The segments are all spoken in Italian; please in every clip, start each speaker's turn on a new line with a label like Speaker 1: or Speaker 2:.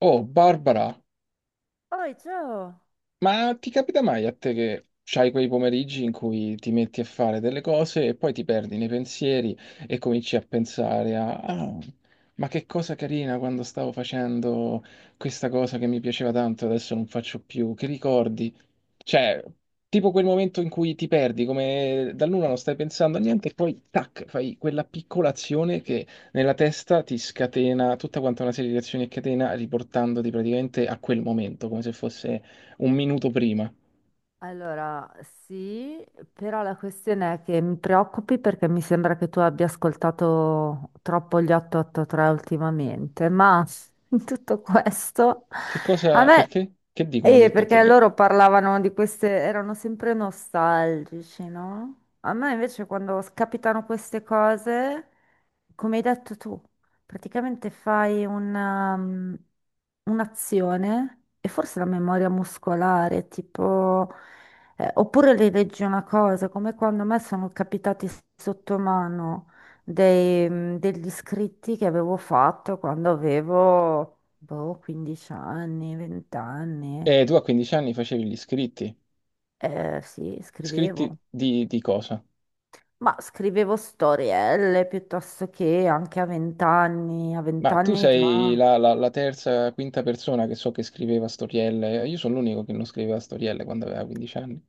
Speaker 1: Oh, Barbara,
Speaker 2: Oi, ciao!
Speaker 1: ma ti capita mai a te che c'hai quei pomeriggi in cui ti metti a fare delle cose e poi ti perdi nei pensieri e cominci a pensare a, ah, ma che cosa carina quando stavo facendo questa cosa che mi piaceva tanto, adesso non faccio più, che ricordi? Cioè, tipo quel momento in cui ti perdi, come da nulla non stai pensando a niente e poi tac, fai quella piccola azione che nella testa ti scatena tutta quanta una serie di azioni a catena riportandoti praticamente a quel momento, come se fosse un minuto prima.
Speaker 2: Allora, sì, però la questione è che mi preoccupi perché mi sembra che tu abbia ascoltato troppo gli 883 ultimamente, ma in tutto questo
Speaker 1: Che
Speaker 2: a
Speaker 1: cosa,
Speaker 2: me...
Speaker 1: perché? Che dicono gli
Speaker 2: Perché
Speaker 1: 883?
Speaker 2: loro parlavano di queste, erano sempre nostalgici, no? A me invece quando capitano queste cose, come hai detto tu, praticamente fai una, un'azione e forse la memoria muscolare, tipo, oppure rileggi una cosa, come quando a me sono capitati sotto mano dei degli scritti che avevo fatto quando avevo boh, 15 anni, 20 anni.
Speaker 1: Tu a 15 anni facevi gli iscritti.
Speaker 2: Sì,
Speaker 1: Iscritti
Speaker 2: scrivevo.
Speaker 1: di cosa?
Speaker 2: Ma scrivevo storielle piuttosto che anche a 20 anni. A 20
Speaker 1: Ma tu
Speaker 2: anni
Speaker 1: sei
Speaker 2: già.
Speaker 1: la terza, quinta persona che so che scriveva storielle. Io sono l'unico che non scriveva storielle quando aveva 15 anni.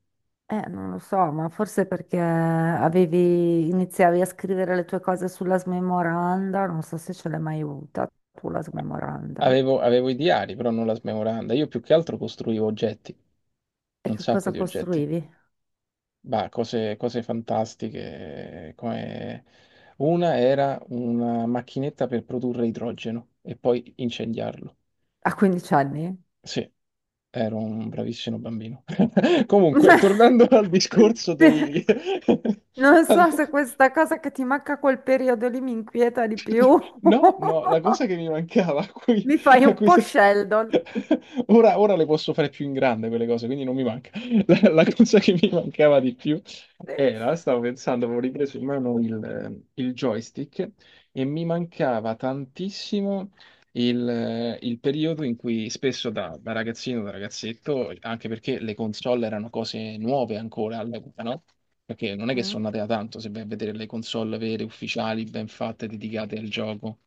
Speaker 2: Non lo so, ma forse perché avevi, iniziavi a scrivere le tue cose sulla smemoranda, non so se ce l'hai mai avuta tu la smemoranda.
Speaker 1: Avevo i diari, però non la smemoranda. Io più che altro costruivo oggetti,
Speaker 2: E
Speaker 1: un
Speaker 2: che
Speaker 1: sacco
Speaker 2: cosa
Speaker 1: di oggetti.
Speaker 2: costruivi?
Speaker 1: Bah, cose fantastiche, come una era una macchinetta per produrre idrogeno e poi incendiarlo.
Speaker 2: A 15 anni?
Speaker 1: Sì, ero un bravissimo bambino. Comunque, tornando al discorso
Speaker 2: Sì.
Speaker 1: dei...
Speaker 2: Non so se questa cosa che ti manca quel periodo lì mi inquieta di più.
Speaker 1: No, no, la cosa che mi mancava, a cui,
Speaker 2: Mi fai
Speaker 1: a
Speaker 2: un
Speaker 1: cui
Speaker 2: po'
Speaker 1: se-
Speaker 2: Sheldon.
Speaker 1: ora le posso fare più in grande quelle cose, quindi non mi manca. La cosa che mi mancava di più
Speaker 2: Sì.
Speaker 1: era, stavo pensando, avevo ripreso in mano il joystick e mi mancava tantissimo il periodo in cui spesso da ragazzino, da ragazzetto, anche perché le console erano cose nuove ancora all'epoca, no? Perché non è che
Speaker 2: Mm.
Speaker 1: sono nate da tanto, se vai a vedere le console vere, ufficiali, ben fatte, dedicate al gioco,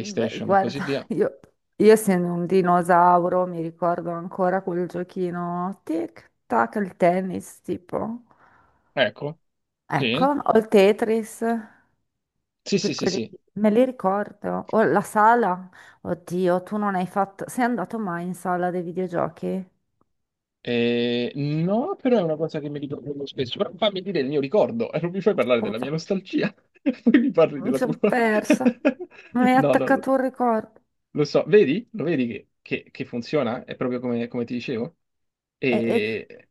Speaker 2: Beh,
Speaker 1: e così
Speaker 2: guarda,
Speaker 1: via.
Speaker 2: io essendo un dinosauro mi ricordo ancora quel giochino tic tac, il tennis tipo.
Speaker 1: Ecco,
Speaker 2: Ecco,
Speaker 1: sì,
Speaker 2: o il Tetris,
Speaker 1: sì,
Speaker 2: que-
Speaker 1: sì, sì,
Speaker 2: quelli-
Speaker 1: sì.
Speaker 2: me li ricordo. O la sala. Oddio, tu non hai fatto... Sei andato mai in sala dei videogiochi?
Speaker 1: No, però è una cosa che mi ricordo molto spesso. Però fammi dire il mio ricordo, e non mi fai parlare della mia
Speaker 2: Scusa.
Speaker 1: nostalgia, poi mi parli
Speaker 2: Mi
Speaker 1: della tua.
Speaker 2: sono persa. Mi hai
Speaker 1: No, no, no.
Speaker 2: attaccato un ricordo.
Speaker 1: Lo so, vedi? Lo vedi che funziona? È proprio come, come ti dicevo.
Speaker 2: E, e-
Speaker 1: E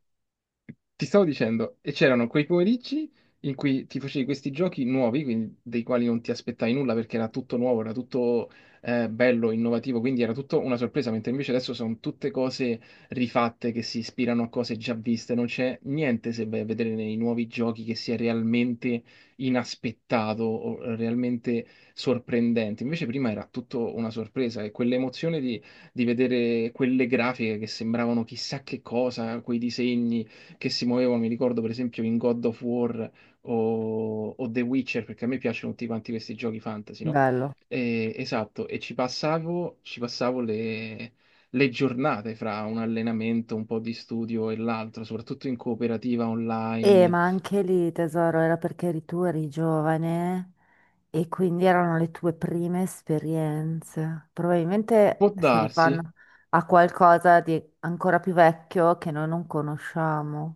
Speaker 1: ti stavo dicendo, e c'erano quei pomeriggi in cui ti facevi questi giochi nuovi, quindi dei quali non ti aspettavi nulla perché era tutto nuovo, era tutto bello, innovativo, quindi era tutto una sorpresa, mentre invece adesso sono tutte cose rifatte che si ispirano a cose già viste, non c'è niente se vai a vedere nei nuovi giochi che sia realmente inaspettato o realmente sorprendente. Invece prima era tutto una sorpresa e quell'emozione di vedere quelle grafiche che sembravano chissà che cosa, quei disegni che si muovevano, mi ricordo per esempio in God of War o The Witcher, perché a me piacciono tutti quanti questi giochi fantasy, no?
Speaker 2: Bello.
Speaker 1: Esatto, e ci passavo le giornate fra un allenamento, un po' di studio e l'altro, soprattutto in cooperativa online.
Speaker 2: Ma anche lì, tesoro, era perché eri tu, eri giovane e quindi erano le tue prime esperienze.
Speaker 1: Può
Speaker 2: Probabilmente si
Speaker 1: darsi,
Speaker 2: rifanno a qualcosa di ancora più vecchio che noi non conosciamo.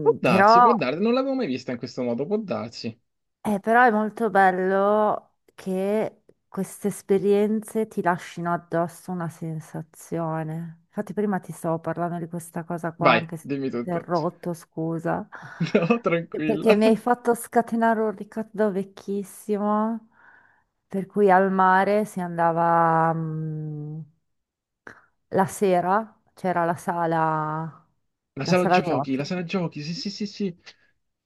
Speaker 1: può darsi,
Speaker 2: però.
Speaker 1: può darsi, non l'avevo mai vista in questo modo, può darsi.
Speaker 2: Però è molto bello che queste esperienze ti lasciano addosso una sensazione. Infatti prima ti stavo parlando di questa cosa qua,
Speaker 1: Vai,
Speaker 2: anche se
Speaker 1: dimmi
Speaker 2: ti ho
Speaker 1: tutto.
Speaker 2: interrotto, scusa,
Speaker 1: No,
Speaker 2: perché
Speaker 1: tranquilla.
Speaker 2: mi hai fatto scatenare un ricordo vecchissimo, per cui al mare si andava, la sera, c'era la sala
Speaker 1: La
Speaker 2: giochi.
Speaker 1: sala giochi, sì, sì, sì, sì.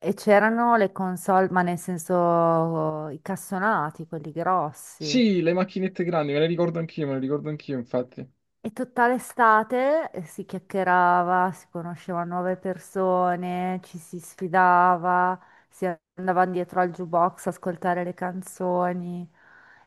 Speaker 2: E c'erano le console, ma nel senso i cassonati, quelli grossi.
Speaker 1: Sì, le macchinette grandi, me le ricordo anch'io, me le ricordo anch'io, infatti.
Speaker 2: E tutta l'estate si chiacchierava, si conoscevano nuove persone, ci si sfidava, si andava dietro al jukebox a ascoltare le canzoni.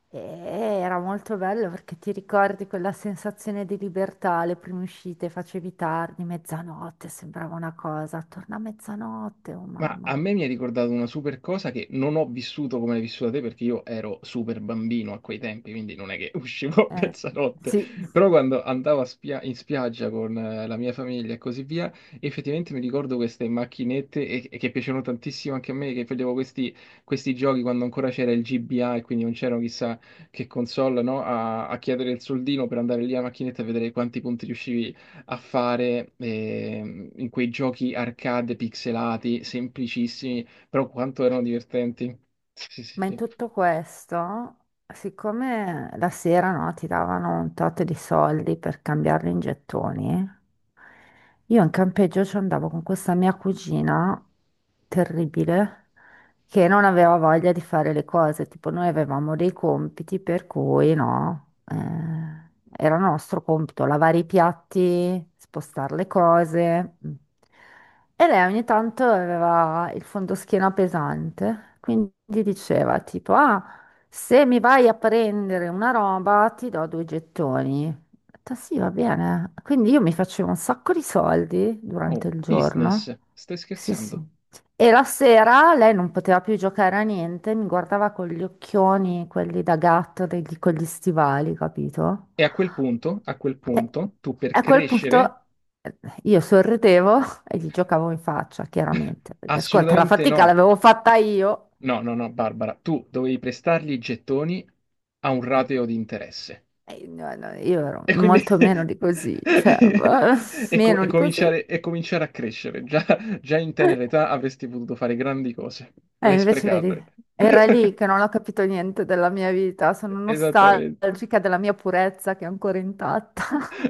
Speaker 2: E era molto bello perché ti ricordi quella sensazione di libertà, le prime uscite, facevi tardi, mezzanotte, sembrava una cosa, torna a mezzanotte, oh
Speaker 1: Ma a
Speaker 2: mamma.
Speaker 1: me mi hai ricordato una super cosa che non ho vissuto come l'hai vissuta te perché io ero super bambino a quei tempi, quindi non è che uscivo a
Speaker 2: Eh,
Speaker 1: mezzanotte,
Speaker 2: sì.
Speaker 1: però quando andavo a in spiaggia con la mia famiglia e così via, effettivamente mi ricordo queste macchinette e che piacevano tantissimo anche a me, che facevo questi, questi giochi quando ancora c'era il GBA e quindi non c'erano chissà che console, no? A chiedere il soldino per andare lì a macchinetta e vedere quanti punti riuscivi a fare in quei giochi arcade pixelati, semplicissimi, però quanto erano divertenti. Sì, sì, sì,
Speaker 2: Ma in
Speaker 1: sì.
Speaker 2: tutto questo, siccome la sera, no, ti davano un tot di soldi per cambiarli in gettoni, io in campeggio ci andavo con questa mia cugina terribile che non aveva voglia di fare le cose. Tipo, noi avevamo dei compiti per cui no, era nostro compito lavare i piatti, spostare le cose. Mm. E lei ogni tanto aveva il fondoschiena pesante, quindi diceva tipo, ah, se mi vai a prendere una roba ti do due gettoni. Ho detto, sì, va bene. Quindi io mi facevo un sacco di soldi
Speaker 1: Oh,
Speaker 2: durante il
Speaker 1: business,
Speaker 2: giorno.
Speaker 1: stai
Speaker 2: Sì,
Speaker 1: scherzando?
Speaker 2: sì. E la sera lei non poteva più giocare a niente, mi guardava con gli occhioni, quelli da gatto, con gli stivali, capito?
Speaker 1: E a quel punto, tu per
Speaker 2: E a quel
Speaker 1: crescere,
Speaker 2: punto eh, io sorridevo e gli giocavo in faccia, chiaramente. Perché, ascolta, la
Speaker 1: assolutamente
Speaker 2: fatica
Speaker 1: no.
Speaker 2: l'avevo fatta io.
Speaker 1: No, no, no, Barbara, tu dovevi prestargli i gettoni a un rateo di interesse.
Speaker 2: E no, no, io ero
Speaker 1: E quindi
Speaker 2: molto meno di così, cioè,
Speaker 1: e, co- e
Speaker 2: meno di così. E
Speaker 1: cominciare, e cominciare a crescere. Già, già in tenera età avresti potuto fare grandi cose. Le hai
Speaker 2: invece, vedi,
Speaker 1: sprecate.
Speaker 2: era lì che non ho capito niente della mia vita, sono
Speaker 1: Esattamente.
Speaker 2: nostalgica della mia purezza che è ancora intatta.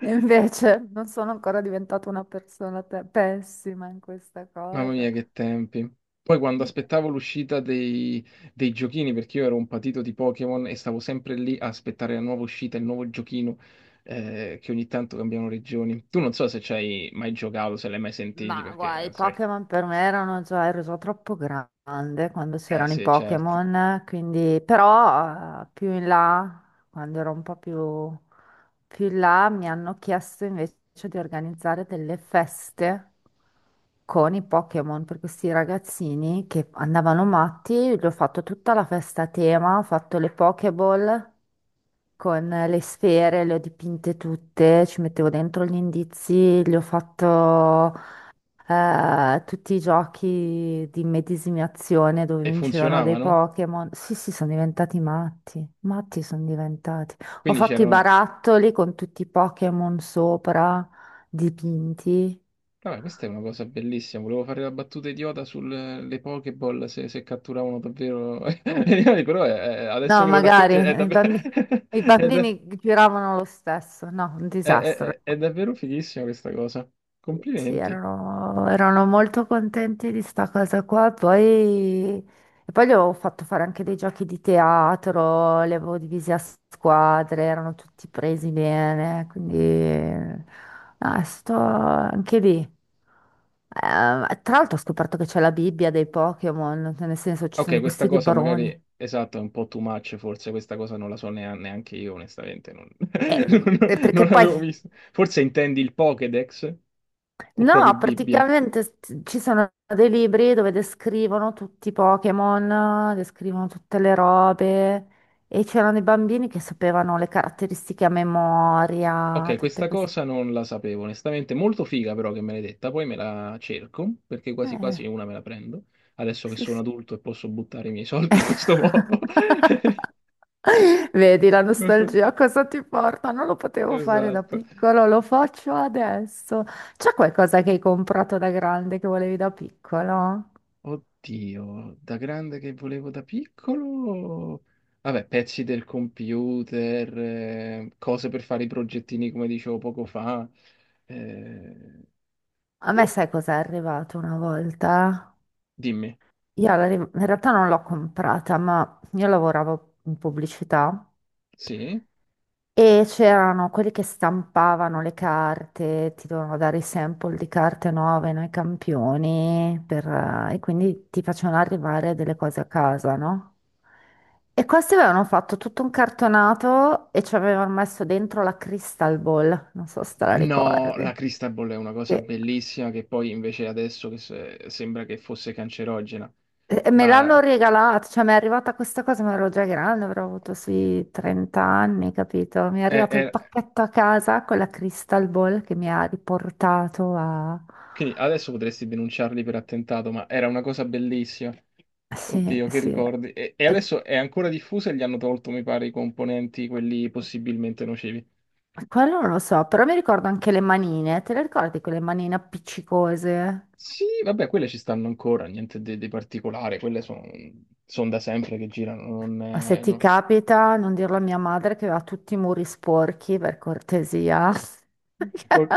Speaker 2: E invece non sono ancora diventata una persona pessima in questa
Speaker 1: Mamma
Speaker 2: cosa.
Speaker 1: mia, che tempi. Poi quando
Speaker 2: I pe-
Speaker 1: aspettavo l'uscita dei, dei giochini, perché io ero un patito di Pokémon e stavo sempre lì a aspettare la nuova uscita, il nuovo giochino, che ogni tanto cambiano regioni. Tu non so se ci hai mai giocato, se l'hai mai sentiti,
Speaker 2: Ma
Speaker 1: perché,
Speaker 2: guai, i
Speaker 1: sai...
Speaker 2: Pokémon per me erano già, ero già troppo grande quando
Speaker 1: Eh
Speaker 2: c'erano i
Speaker 1: sì, certo.
Speaker 2: Pokémon, quindi però più in là, quando ero un po' più, più in là, mi hanno chiesto invece di organizzare delle feste con i Pokémon per questi ragazzini che andavano matti, gli ho fatto tutta la festa a tema, ho fatto le Pokéball, con le sfere, le ho dipinte tutte, ci mettevo dentro gli indizi, gli ho fatto tutti i giochi di medesimazione dove
Speaker 1: E
Speaker 2: vincevano dei
Speaker 1: funzionavano.
Speaker 2: Pokémon. Sì, sì, sono diventati matti, matti sono diventati. Ho
Speaker 1: Quindi
Speaker 2: fatto i
Speaker 1: c'erano...
Speaker 2: barattoli con tutti i Pokémon sopra, dipinti.
Speaker 1: Vabbè, questa è una cosa bellissima. Volevo fare la battuta idiota sulle Pokéball se, se catturavano davvero gli animali, però adesso
Speaker 2: No,
Speaker 1: che lo
Speaker 2: magari
Speaker 1: racconti è
Speaker 2: i
Speaker 1: davvero,
Speaker 2: bambini, i
Speaker 1: è, da-
Speaker 2: bambini giravano lo stesso, no, un
Speaker 1: è- è-
Speaker 2: disastro.
Speaker 1: è è davvero fighissima questa cosa.
Speaker 2: Sì,
Speaker 1: Complimenti.
Speaker 2: erano, erano molto contenti di sta cosa qua. Poi, e poi gli avevo fatto fare anche dei giochi di teatro, li avevo divisi a squadre, erano tutti presi bene, quindi no, sto anche lì. Tra l'altro ho scoperto che c'è la Bibbia dei Pokémon, nel senso ci
Speaker 1: Ok,
Speaker 2: sono
Speaker 1: questa
Speaker 2: questi
Speaker 1: cosa magari,
Speaker 2: libroni.
Speaker 1: esatto, è un po' too much, forse questa cosa non la so neanche io, onestamente, non,
Speaker 2: E
Speaker 1: non
Speaker 2: perché poi
Speaker 1: l'avevo vista. Forse intendi il Pokédex o proprio
Speaker 2: No,
Speaker 1: Bibbia?
Speaker 2: praticamente ci sono dei libri dove descrivono tutti i Pokémon, descrivono tutte le robe e c'erano dei bambini che sapevano le caratteristiche a memoria,
Speaker 1: Ok,
Speaker 2: tutte
Speaker 1: questa
Speaker 2: queste...
Speaker 1: cosa non la sapevo, onestamente. Molto figa però che me l'hai detta, poi me la cerco, perché quasi
Speaker 2: Eh,
Speaker 1: quasi una me la prendo, adesso che
Speaker 2: sì,
Speaker 1: sono
Speaker 2: sì.
Speaker 1: adulto e posso buttare i miei soldi in questo modo.
Speaker 2: Vedi la
Speaker 1: Non so-
Speaker 2: nostalgia, a cosa ti porta? Non lo potevo fare da
Speaker 1: Esatto.
Speaker 2: piccolo, lo faccio adesso. C'è qualcosa che hai comprato da grande che volevi da piccolo?
Speaker 1: Oddio, da grande che volevo da piccolo... Vabbè, pezzi del computer, cose per fare i progettini come dicevo poco fa. Eh,
Speaker 2: A me sai cos'è arrivato una volta?
Speaker 1: Dimmi,
Speaker 2: In realtà non l'ho comprata, ma io lavoravo in pubblicità
Speaker 1: sì?
Speaker 2: e c'erano quelli che stampavano le carte, ti dovevano dare i sample di carte nuove, noi campioni, per, e quindi ti facevano arrivare delle cose a casa, no? E questi avevano fatto tutto un cartonato e ci avevano messo dentro la Crystal Ball, non so se te la
Speaker 1: No, la
Speaker 2: ricordi.
Speaker 1: Cristaball è una cosa
Speaker 2: Sì.
Speaker 1: bellissima che poi invece adesso che sembra che fosse cancerogena,
Speaker 2: Me l'hanno
Speaker 1: ma
Speaker 2: regalata, cioè mi è arrivata questa cosa, ma ero già grande, avrò avuto sui 30 anni, capito? Mi è
Speaker 1: è-
Speaker 2: arrivato il
Speaker 1: è-
Speaker 2: pacchetto a casa con la Crystal Ball che mi ha riportato a...
Speaker 1: quindi adesso potresti denunciarli per attentato, ma era una cosa bellissima.
Speaker 2: Sì,
Speaker 1: Oddio, che
Speaker 2: sì.
Speaker 1: ricordi. E
Speaker 2: Eh,
Speaker 1: adesso è ancora diffusa e gli hanno tolto, mi pare, i componenti, quelli possibilmente nocivi.
Speaker 2: Quello non lo so, però mi ricordo anche le manine. Te le ricordi quelle manine appiccicose?
Speaker 1: Sì, vabbè, quelle ci stanno ancora, niente di, di particolare, quelle sono da sempre che girano, non
Speaker 2: Ma se
Speaker 1: è-
Speaker 2: ti
Speaker 1: no.
Speaker 2: capita, non dirlo a mia madre che aveva tutti i muri sporchi, per cortesia.
Speaker 1: Ok,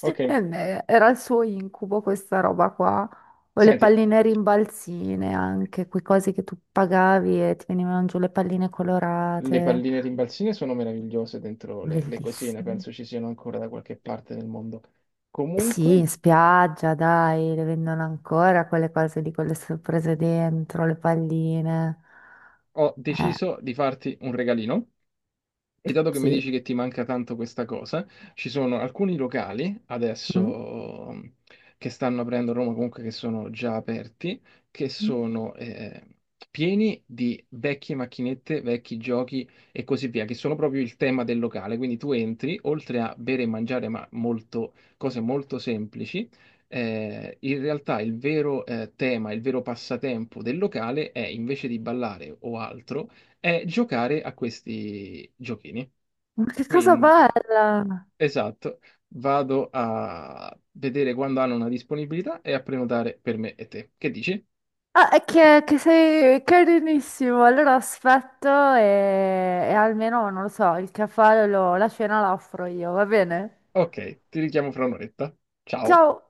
Speaker 1: ok.
Speaker 2: Eh beh, era il suo incubo questa roba qua, o le
Speaker 1: Senti,
Speaker 2: palline rimbalzine anche, quei cosi che tu pagavi e ti venivano giù le palline
Speaker 1: le
Speaker 2: colorate,
Speaker 1: palline rimbalzine sono meravigliose dentro le cosine,
Speaker 2: bellissime.
Speaker 1: penso ci siano ancora da qualche parte nel mondo.
Speaker 2: Sì,
Speaker 1: Comunque,
Speaker 2: in spiaggia, dai, le vendono ancora quelle cose lì con le sorprese dentro, le palline.
Speaker 1: ho
Speaker 2: Eh,
Speaker 1: deciso di farti un regalino. E dato che mi
Speaker 2: sì.
Speaker 1: dici che ti manca tanto questa cosa, ci sono alcuni locali
Speaker 2: Mm,
Speaker 1: adesso che stanno aprendo a Roma, comunque che sono già aperti, che
Speaker 2: mm.
Speaker 1: sono pieni di vecchie macchinette, vecchi giochi e così via, che sono proprio il tema del locale. Quindi tu entri, oltre a bere e mangiare, ma molto, cose molto semplici, in realtà il vero tema, il vero passatempo del locale è invece di ballare o altro è giocare a questi giochini.
Speaker 2: Ma che cosa
Speaker 1: Quindi,
Speaker 2: bella!
Speaker 1: esatto, vado a vedere quando hanno una disponibilità e a prenotare per me e te. Che dici?
Speaker 2: Ah, è che sei carinissimo. Allora aspetto e, e almeno, non lo so, il caffè, la cena la offro io, va bene?
Speaker 1: Ok, ti richiamo fra un'oretta. Ciao.
Speaker 2: Ciao!